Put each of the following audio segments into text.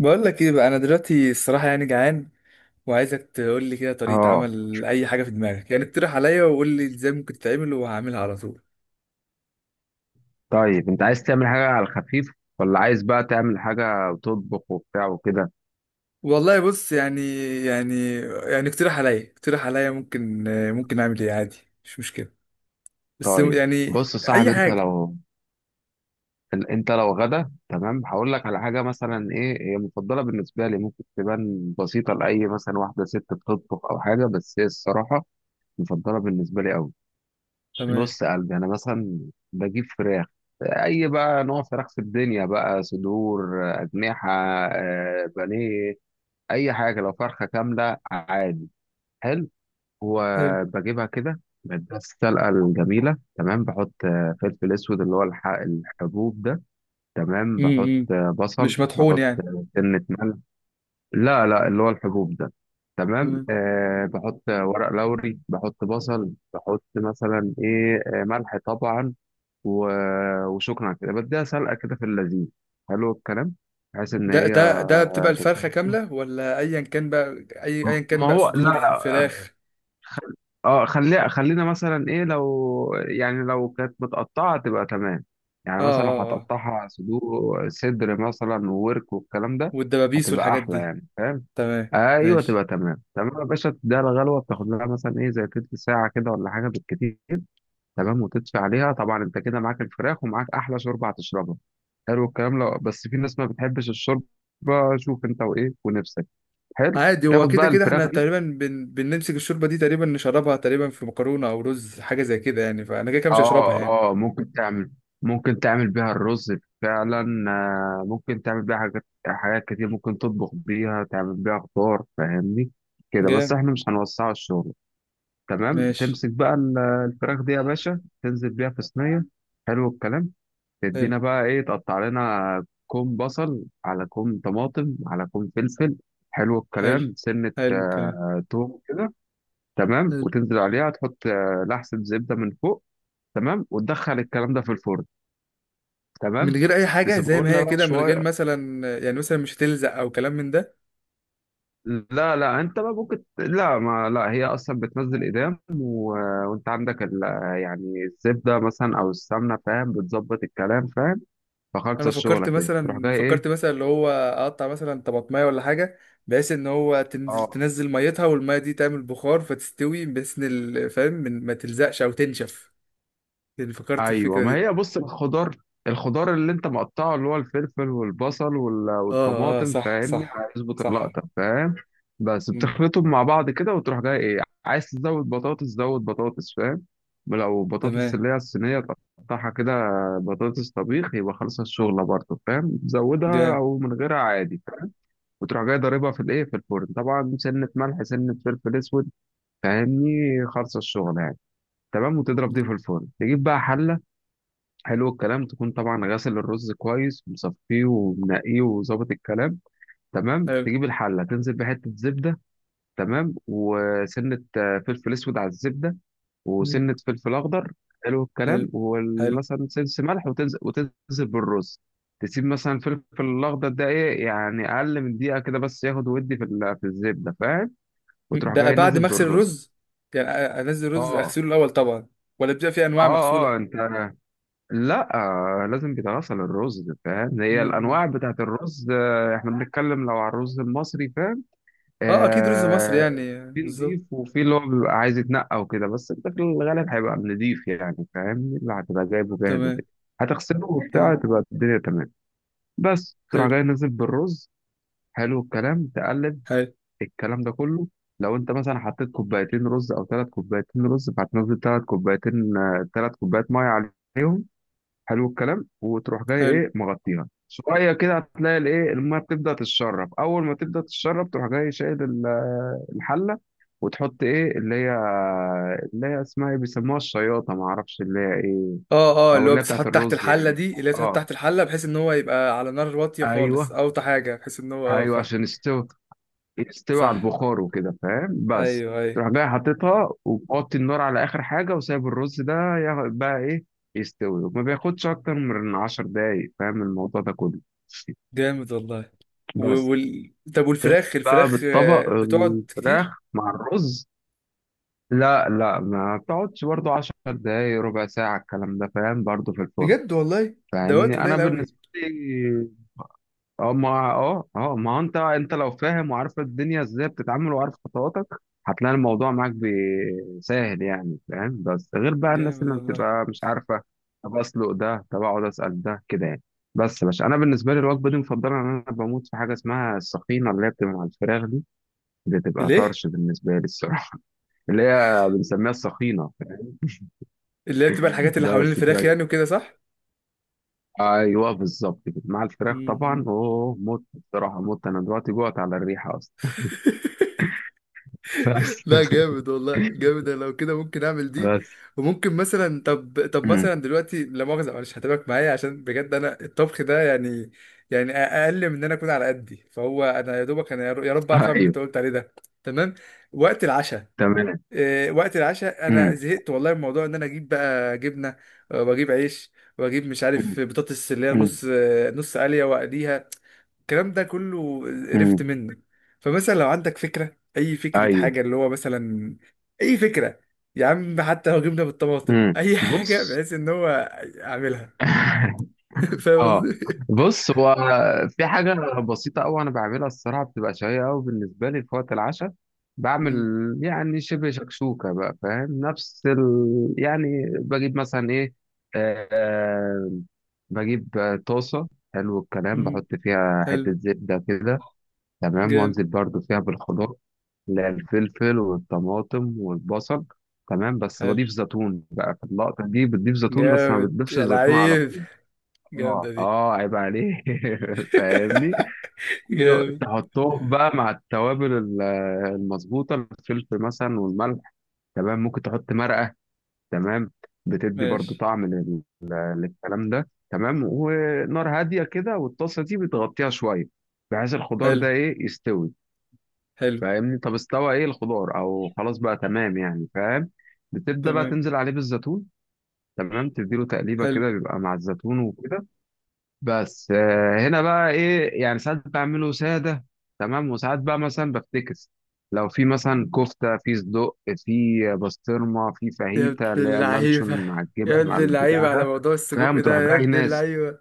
بقول لك ايه بقى؟ انا دلوقتي الصراحه يعني جعان، وعايزك تقول لي كده طريقه اه. عمل اي حاجه في دماغك. يعني اقترح عليا، وقول لي ازاي ممكن تتعمل، وهعملها على طول. طيب انت عايز تعمل حاجة على الخفيف، ولا عايز بقى تعمل حاجة وتطبخ وبتاع وكده؟ والله بص، يعني يعني اقترح عليا، ممكن اعمل ايه عادي. مش مشكله، بس طيب يعني بص يا صاحبي، اي انت حاجه. لو انت لو غدا تمام، هقول لك على حاجة مثلا. ايه هي؟ مفضلة بالنسبة لي. ممكن تبان بسيطة لأي مثلا واحدة ست بتطبخ أو حاجة، بس هي الصراحة مفضلة بالنسبة لي أوي. تمام. بص يا قلبي، أنا مثلا بجيب فراخ، أي بقى نوع فراخ في الدنيا، بقى صدور، أجنحة، بانيه، أي حاجة، لو فرخة كاملة عادي. حلو. حلو. وبجيبها كده من السلقة الجميلة، تمام. بحط فلفل أسود، اللي هو الحبوب ده، تمام. بحط امم بصل، مش مطحون بحط يعني؟ سنة ملح. لا لا، اللي هو الحبوب ده. تمام. تمام. أه بحط ورق لوري، بحط بصل، بحط مثلا إيه، ملح طبعا، وشكرا. على كده بديها سلقة كده في اللذيذ. حلو الكلام، بحيث إن ده هي ده ده بتبقى الفرخه تتوصل. كامله ولا ايا كان بقى؟ ايا كان ما بقى هو لا صدور لا، فراخ. خل... خلينا مثلا ايه، لو يعني لو كانت متقطعة تبقى تمام. اه يعني مثلا لو اه اه، هتقطعها صدور، صدر مثلا وورك والكلام ده، والدبابيس هتبقى والحاجات احلى دي. يعني، فاهم؟ تمام ايوه ماشي. تبقى تمام. تمام يا باشا، تديها الغلوه، بتاخد لها مثلا ايه، زي تلت ساعه كده ولا حاجه بالكتير. تمام، وتدفي عليها طبعا. انت كده معاك الفراخ، ومعاك احلى شوربه هتشربها. حلو الكلام. لو بس في ناس ما بتحبش الشوربه، شوف انت وايه ونفسك. حلو. عادي، هو تاخد كده بقى كده الفراخ. احنا تقريبا بنمسك الشوربه دي تقريبا، نشربها تقريبا في مكرونه او رز، حاجه زي كده يعني. فانا كده كده مش هشربها يعني. اه. اه ممكن تعمل، ممكن تعمل بيها الرز، فعلا. ممكن تعمل بيها حاجات، كتير، ممكن تطبخ بيها، تعمل بيها خضار، فاهمني؟ كده بس، جامد. احنا مش هنوسعه الشغل. تمام، ماشي. تمسك بقى الفراخ دي يا باشا، تنزل بيها في صينية. حلو الكلام، حلو. تدينا بقى ايه، تقطع لنا كوم بصل على كوم طماطم على كوم فلفل. حلو حلو. الكلام، سنة حلو الكلام. توم كده. تمام، حلو. وتنزل عليها، تحط لحسة زبدة من فوق. تمام، وتدخل الكلام ده في الفرن. من تمام، غير اي حاجه زي تسيبه ما لنا هي بقى كده، من غير شويه. مثلا يعني مثلا مش هتلزق او كلام من ده. لا لا، انت بقى ممكن، لا ما لا، هي اصلا بتنزل ايدام، و... وانت عندك ال... يعني الزبده مثلا او السمنه، فاهم؟ بتظبط الكلام، فاهم؟ فخلص انا فكرت الشغله كده، تروح مثلا، جاي ايه. اللي هو اقطع مثلا طماطمايه ولا حاجه، بحيث ان هو تنزل اه تنزل ميتها، والميه دي تعمل بخار فتستوي، بحيث ان فاهم ما تلزقش او تنشف. يعني فكرت في ايوه، الفكره ما دي. هي بص، الخضار، الخضار اللي انت مقطعه، اللي هو الفلفل والبصل اه اه، والطماطم، صح فاهمني؟ صح هيظبط صح. اللقطه، فاهم؟ بس مم. بتخلطهم مع بعض كده، وتروح جاي ايه، عايز تزود بطاطس زود بطاطس، فاهم؟ لو تمام. بطاطس اللي هي الصينيه، تقطعها كده، بطاطس طبيخ، يبقى خلص الشغله برضه، فاهم؟ تزودها جامد. او من غيرها عادي، فاهم؟ وتروح جاي ضاربها في الايه، في الفرن طبعا، سنه ملح سنه فلفل اسود، فاهمني؟ خلص الشغله يعني. تمام، وتضرب مم. دي في الفرن، تجيب بقى حله. حلو الكلام. تكون طبعا غاسل الرز كويس، مصفيه ومنقيه وظابط الكلام. تمام، حلو. تجيب الحله، تنزل بحته زبده، تمام، وسنه فلفل اسود على الزبده، مم. وسنه فلفل اخضر. حلو حلو. الكلام، حلو. ومثلا سنس ملح، وتنزل وتنزل بالرز. تسيب مثلا الفلفل الاخضر ده ايه، يعني اقل من دقيقه كده بس، ياخد ودي في في الزبده، فاهم؟ مم. وتروح ده جاي بعد نازل ما اغسل بالرز. الرز؟ يعني انزل الرز اه. اغسله الاول طبعا، ولا بيبقى في انواع اه مغسوله؟ اه انت، لا، لازم بدراسة للرز، فاهم؟ مم. هي مم. الأنواع بتاعت الرز، إحنا بنتكلم لو على الرز المصري، فاهم؟ اه اكيد رز مصري آه، يعني، في نضيف، بالظبط. وفي اللي هو بيبقى عايز يتنقى وكده، بس أنت في الغالب هيبقى نضيف يعني، فاهم؟ اللي هتبقى جايبه جاهز تمام. وكده، هتغسله وبتاع، تمام. تبقى الدنيا تمام. بس تروح حلو. جاي نازل بالرز. حلو الكلام، تقلب حلو. الكلام ده كله. لو انت مثلا حطيت كوبايتين رز او ثلاث كوبايتين رز، فهتنزل ثلاث كوبايتين، ثلاث كوبايات ميه عليهم. حلو الكلام، وتروح جاي حلو. ايه، مغطيها شويه كده، هتلاقي الايه الميه بتبدا تتشرب، اول ما تبدا تتشرب تروح جاي شايل الحله، وتحط ايه اللي هي، اللي هي اسمها ايه، بيسموها الشياطه، ما اعرفش اللي هي ايه، اه اه، او اللي هو اللي هي بتاعت بتتحط تحت الرز الحله يعني. دي، اللي هي بتتحط اه تحت الحله، بحيث ان هو يبقى على نار واطيه خالص، ايوه، اوطى حاجه، بحيث ان هو اه ايوه فاهم. عشان يستوي، يستوي على صح. البخار وكده، فاهم؟ بس ايوه ايوه. تروح جاي حاططها، وتحط النار على اخر حاجه، وسايب الرز ده بقى ايه يستوي، وما بياخدش اكتر من 10 دقايق، فاهم الموضوع ده كله. جامد والله. و... بس طب تنزل والفراخ، بقى بالطبق بتقعد كتير؟ الفراخ مع الرز. لا لا، ما بتقعدش برضو، عشر دقايق ربع ساعة الكلام ده، فاهم، برضو في الفرن. بجد والله. ده وقت فاهمني؟ أنا قليل قوي. بالنسبة لي، اه ما ما هو أنت، أنت لو فاهم وعارف الدنيا إزاي بتتعامل وعارف خطواتك، هتلاقي الموضوع معاك سهل يعني، فاهم؟ بس غير بقى الناس جامد اللي والله. بتبقى مش عارفة، طب أسلق ده، طب أقعد أسأل ده كده يعني. بس يا باشا، أنا بالنسبة لي الوجبة دي مفضلة، إن أنا بموت في حاجة اسمها السخينة، اللي هي بتبقى مع الفراخ دي، بتبقى ليه؟ طرش بالنسبة لي الصراحة، اللي هي بنسميها السخينة. اللي هي بتبقى الحاجات اللي حوالين بس الفراخ بتاع- يعني وكده صح. ايوه بالظبط كده، مع الفراخ طبعا، مم. اوه مت الصراحة، مت. انا دلوقتي جوعت على الريحة اصلا. بس. لا جامد والله، جامد. أنا لو كده ممكن اعمل دي. بس. وممكن مثلا، طب مم. مثلا دلوقتي، لا مؤاخذة معلش، هتابعك معايا عشان بجد انا الطبخ ده يعني، يعني اقل من ان انا اكون على قدي. فهو انا يا دوبك انا يا رب اعرف اعمل اللي ايوه انت قلت عليه ده. تمام. وقت العشاء. تمام. وقت العشاء انا مم. زهقت والله من موضوع ان انا اجيب بقى جبنه، واجيب عيش، واجيب مش مم. عارف بطاطس اللي هي مم. نص، نص قليه، واقليها. الكلام ده كله مم. قرفت منه. فمثلا لو عندك فكره، اي فكره، ايوه. حاجه اللي هو مثلا، اي فكره. يا عم حتى لو جبنه بالطماطم، مم. اي حاجه بص. بحيث ان هو اعملها. فاهم اه قصدي؟ بص هو، في حاجة بسيطة أوي أنا بعملها، الصراحة بتبقى شهية أوي بالنسبة لي في وقت العشاء. بعمل مم. يعني شبه شكشوكة بقى، فاهم؟ نفس ال... يعني بجيب مثلا إيه، آه، بجيب طاسة. حلو الكلام، مم. بحط فيها حلو. حتة زبدة كده، تمام، وأنزل جامد. برضو فيها بالخضار، اللي هي الفلفل والطماطم والبصل. تمام، بس حلو. بضيف زيتون بقى في اللقطة دي، بتضيف زيتون بس ما جامد بتضيفش يا الزيتون على لعيب. طول. جامده اه دي. اه عيب عليه. فاهمني؟ جامد. تحطهم بقى مع التوابل المظبوطه، الفلفل مثلا والملح، تمام. ممكن تحط مرقه، تمام، بتدي برضو ماشي. طعم للكلام ده، تمام. ونار هاديه كده، والطاسه دي بتغطيها شويه، بحيث الخضار حلو. ده ايه يستوي، حلو. فاهمني؟ طب استوى ايه الخضار او خلاص بقى تمام يعني، فاهم؟ بتبدا بقى تمام. تنزل عليه بالزيتون. تمام، تديله تقليبه حلو. كده، بيبقى مع الزيتون وكده. بس هنا بقى ايه، يعني ساعات بعمله ساده، تمام. وساعات بقى مثلا بفتكس، لو في مثلا كفته، في صدق، في بسطرمه، في يا ابن فاهيتا، اللي هي اللعيبة، اللانشون مع يا الجبن مع ابن البتاع اللعيبة على ده، موضوع السجق فاهم؟ ده، تروح يا جاي ابن ناس، اللعيبة.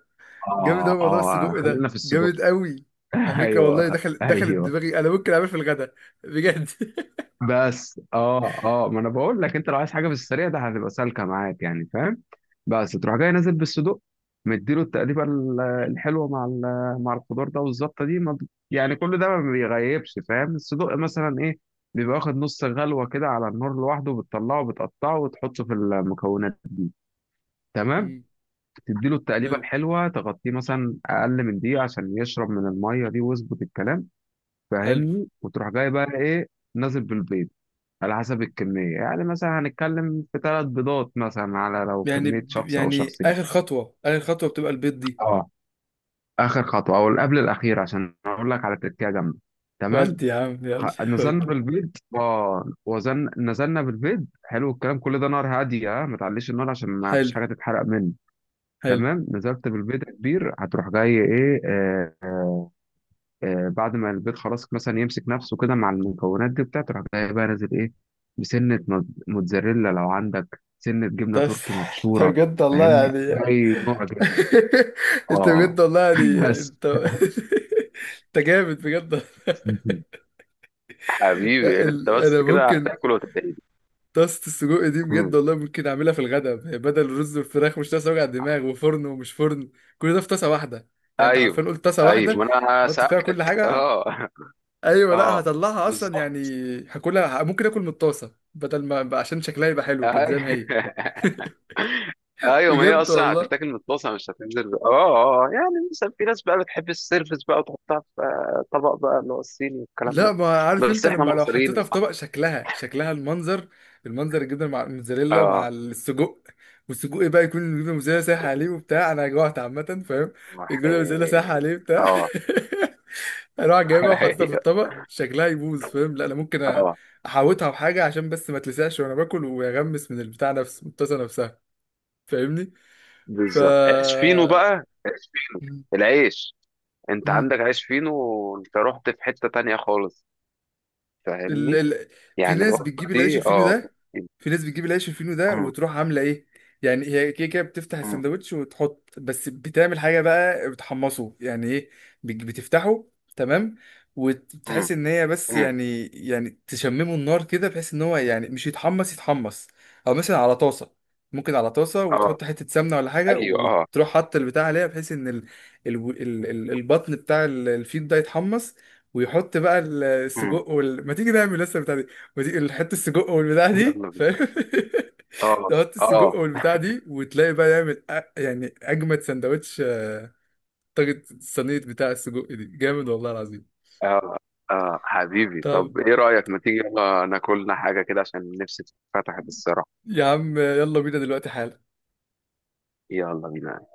جامد أوي اه موضوع اه السجق خلينا ده، في الصدق. جامد أوي. على فكرة والله ايوه دخلت ايوه. دماغي، أنا ممكن أعمل في الغدا بجد. بس ما انا بقول لك، انت لو عايز حاجه في السريع ده هتبقى سالكه معاك يعني، فاهم؟ بس مم. تروح جاي نازل بالصدوق، مديله التقليبه الحلوه مع مع الخضار ده، والزبطه دي ما ب- يعني كل ده ما بيغيبش، فاهم؟ الصدوق مثلا ايه، بيبقى واخد نص غلوه كده على النار لوحده، بتطلعه بتقطعه وتحطه في المكونات دي. تمام، مم. تديله التقليبه حلو. الحلوه، تغطيه مثلا اقل من دقيقه عشان يشرب من الميه دي ويظبط الكلام، حلو. فاهمني؟ وتروح جاي بقى ايه، نازل بالبيض، على حسب الكمية يعني، مثلا هنتكلم في ثلاث بيضات مثلا، على لو يعني كمية شخص أو يعني شخصين. آخر خطوة، بتبقى البيض دي. اه، آخر خطوة أو قبل الأخير، عشان أقول لك على تركية جامدة. تمام، ودي يا عم يلا. نزلنا قول. بالبيض، اه وزن نزلنا بالبيض. حلو الكلام، كل ده نار هادية، اه ما تعليش النار عشان ما فيش حلو. حاجة تتحرق منه. حلو. تمام، نزلت بالبيض يا كبير، هتروح جاي ايه، بعد ما البيض خلاص مثلا يمسك نفسه كده مع المكونات دي بتاعته، تروح جاي بقى نازل ايه، بسنة موتزاريلا، لو عندك سنة جبنة بس تركي انت مبشورة، بجد والله فاهمني؟ يعني أي نوع جبنة. انت اه. بجد والله يعني. بس انت انت جامد بجد. حبيبي، انت انا بس كده ممكن هتاكل وتدعي. طاسه السجق دي بجد مم. والله ممكن اعملها في الغداء بدل الرز والفراخ. مش طاسه وجع دماغ، وفرن ومش فرن، كل ده في طاسه واحده. يعني انت ايوه حرفيا قلت طاسه ايوه، واحده، ما انا حط فيها كل سالتك. حاجه. اه ايوه، لا اه هطلعها اصلا يعني. بالظبط. هاكلها. ممكن اكل من الطاسه بدل ما، عشان شكلها يبقى حلو كده أيوة. زي ما هي. ايوه، ما هي بجد اصلا والله. هتتاكل متطاسه، مش هتنزل. اه اه آه. يعني مثلا في ناس بقى بتحب السيرفس بقى، وتحطها في طبق بقى، اللي هو الصيني والكلام لا ده. ما عارف بس انت، احنا لما لو مصريين حطيتها في صح. طبق، شكلها، المنظر، الجبنه مع الموتزاريلا اه. مع السجق. والسجق بقى يكون الجبنه الموتزاريلا سايحه عليه وبتاع، انا جوعت عامه، فاهم؟ وح- الجبنه الموتزاريلا سايحه عليه بتاع. اه. اروح جايبها وحاططها في أيوة. الطبق شكلها يبوظ، فاهم؟ لا انا ممكن اه احوطها بحاجه عشان بس ما تلسعش وانا باكل، ويغمس من البتاع نفسه، من الطاسه نفسها، فاهمني؟ ف بالظبط، عيش فينو بقى، العيش. انت مم. عندك عيش فينو، وانت رحت في حتة تانية خالص، ال... فاهمني؟ ال... في يعني ناس الوجبة بتجيب العيش دي الفينو اه. ده، أمم، وتروح عامله ايه. يعني هي كده كده بتفتح أمم، السندوتش وتحط بس، بتعمل حاجه بقى، بتحمصه يعني ايه؟ بتفتحه، تمام، أمم، وتحس ان هي بس أمم. يعني، تشممه النار كده، بحيث ان هو يعني مش يتحمص يتحمص، او مثلا على طاسه. ممكن على طاسه، اه وتحط حته سمنه ولا حاجه، ايوه اه. وتروح حاطط البتاع عليها، بحيث ان البطن بتاع الفيل ده يتحمص. ويحط بقى أمم. السجق ما تيجي نعمل لسه البتاع دي ما تيجي نحط السجق والبتاع دي، يلا فاهم؟ بينا. اه تحط اه السجق والبتاع دي، وتلاقي بقى يعمل يعني اجمد سندوتش، طاجة الصينية بتاع السجق دي جامد والله العظيم. اه اه حبيبي، طب طب ايه رأيك ما تيجي يلا ناكلنا حاجة كده، عشان نفسي اتفتحت الصراحة. يا عم يلا بينا دلوقتي حالا. يلا بينا.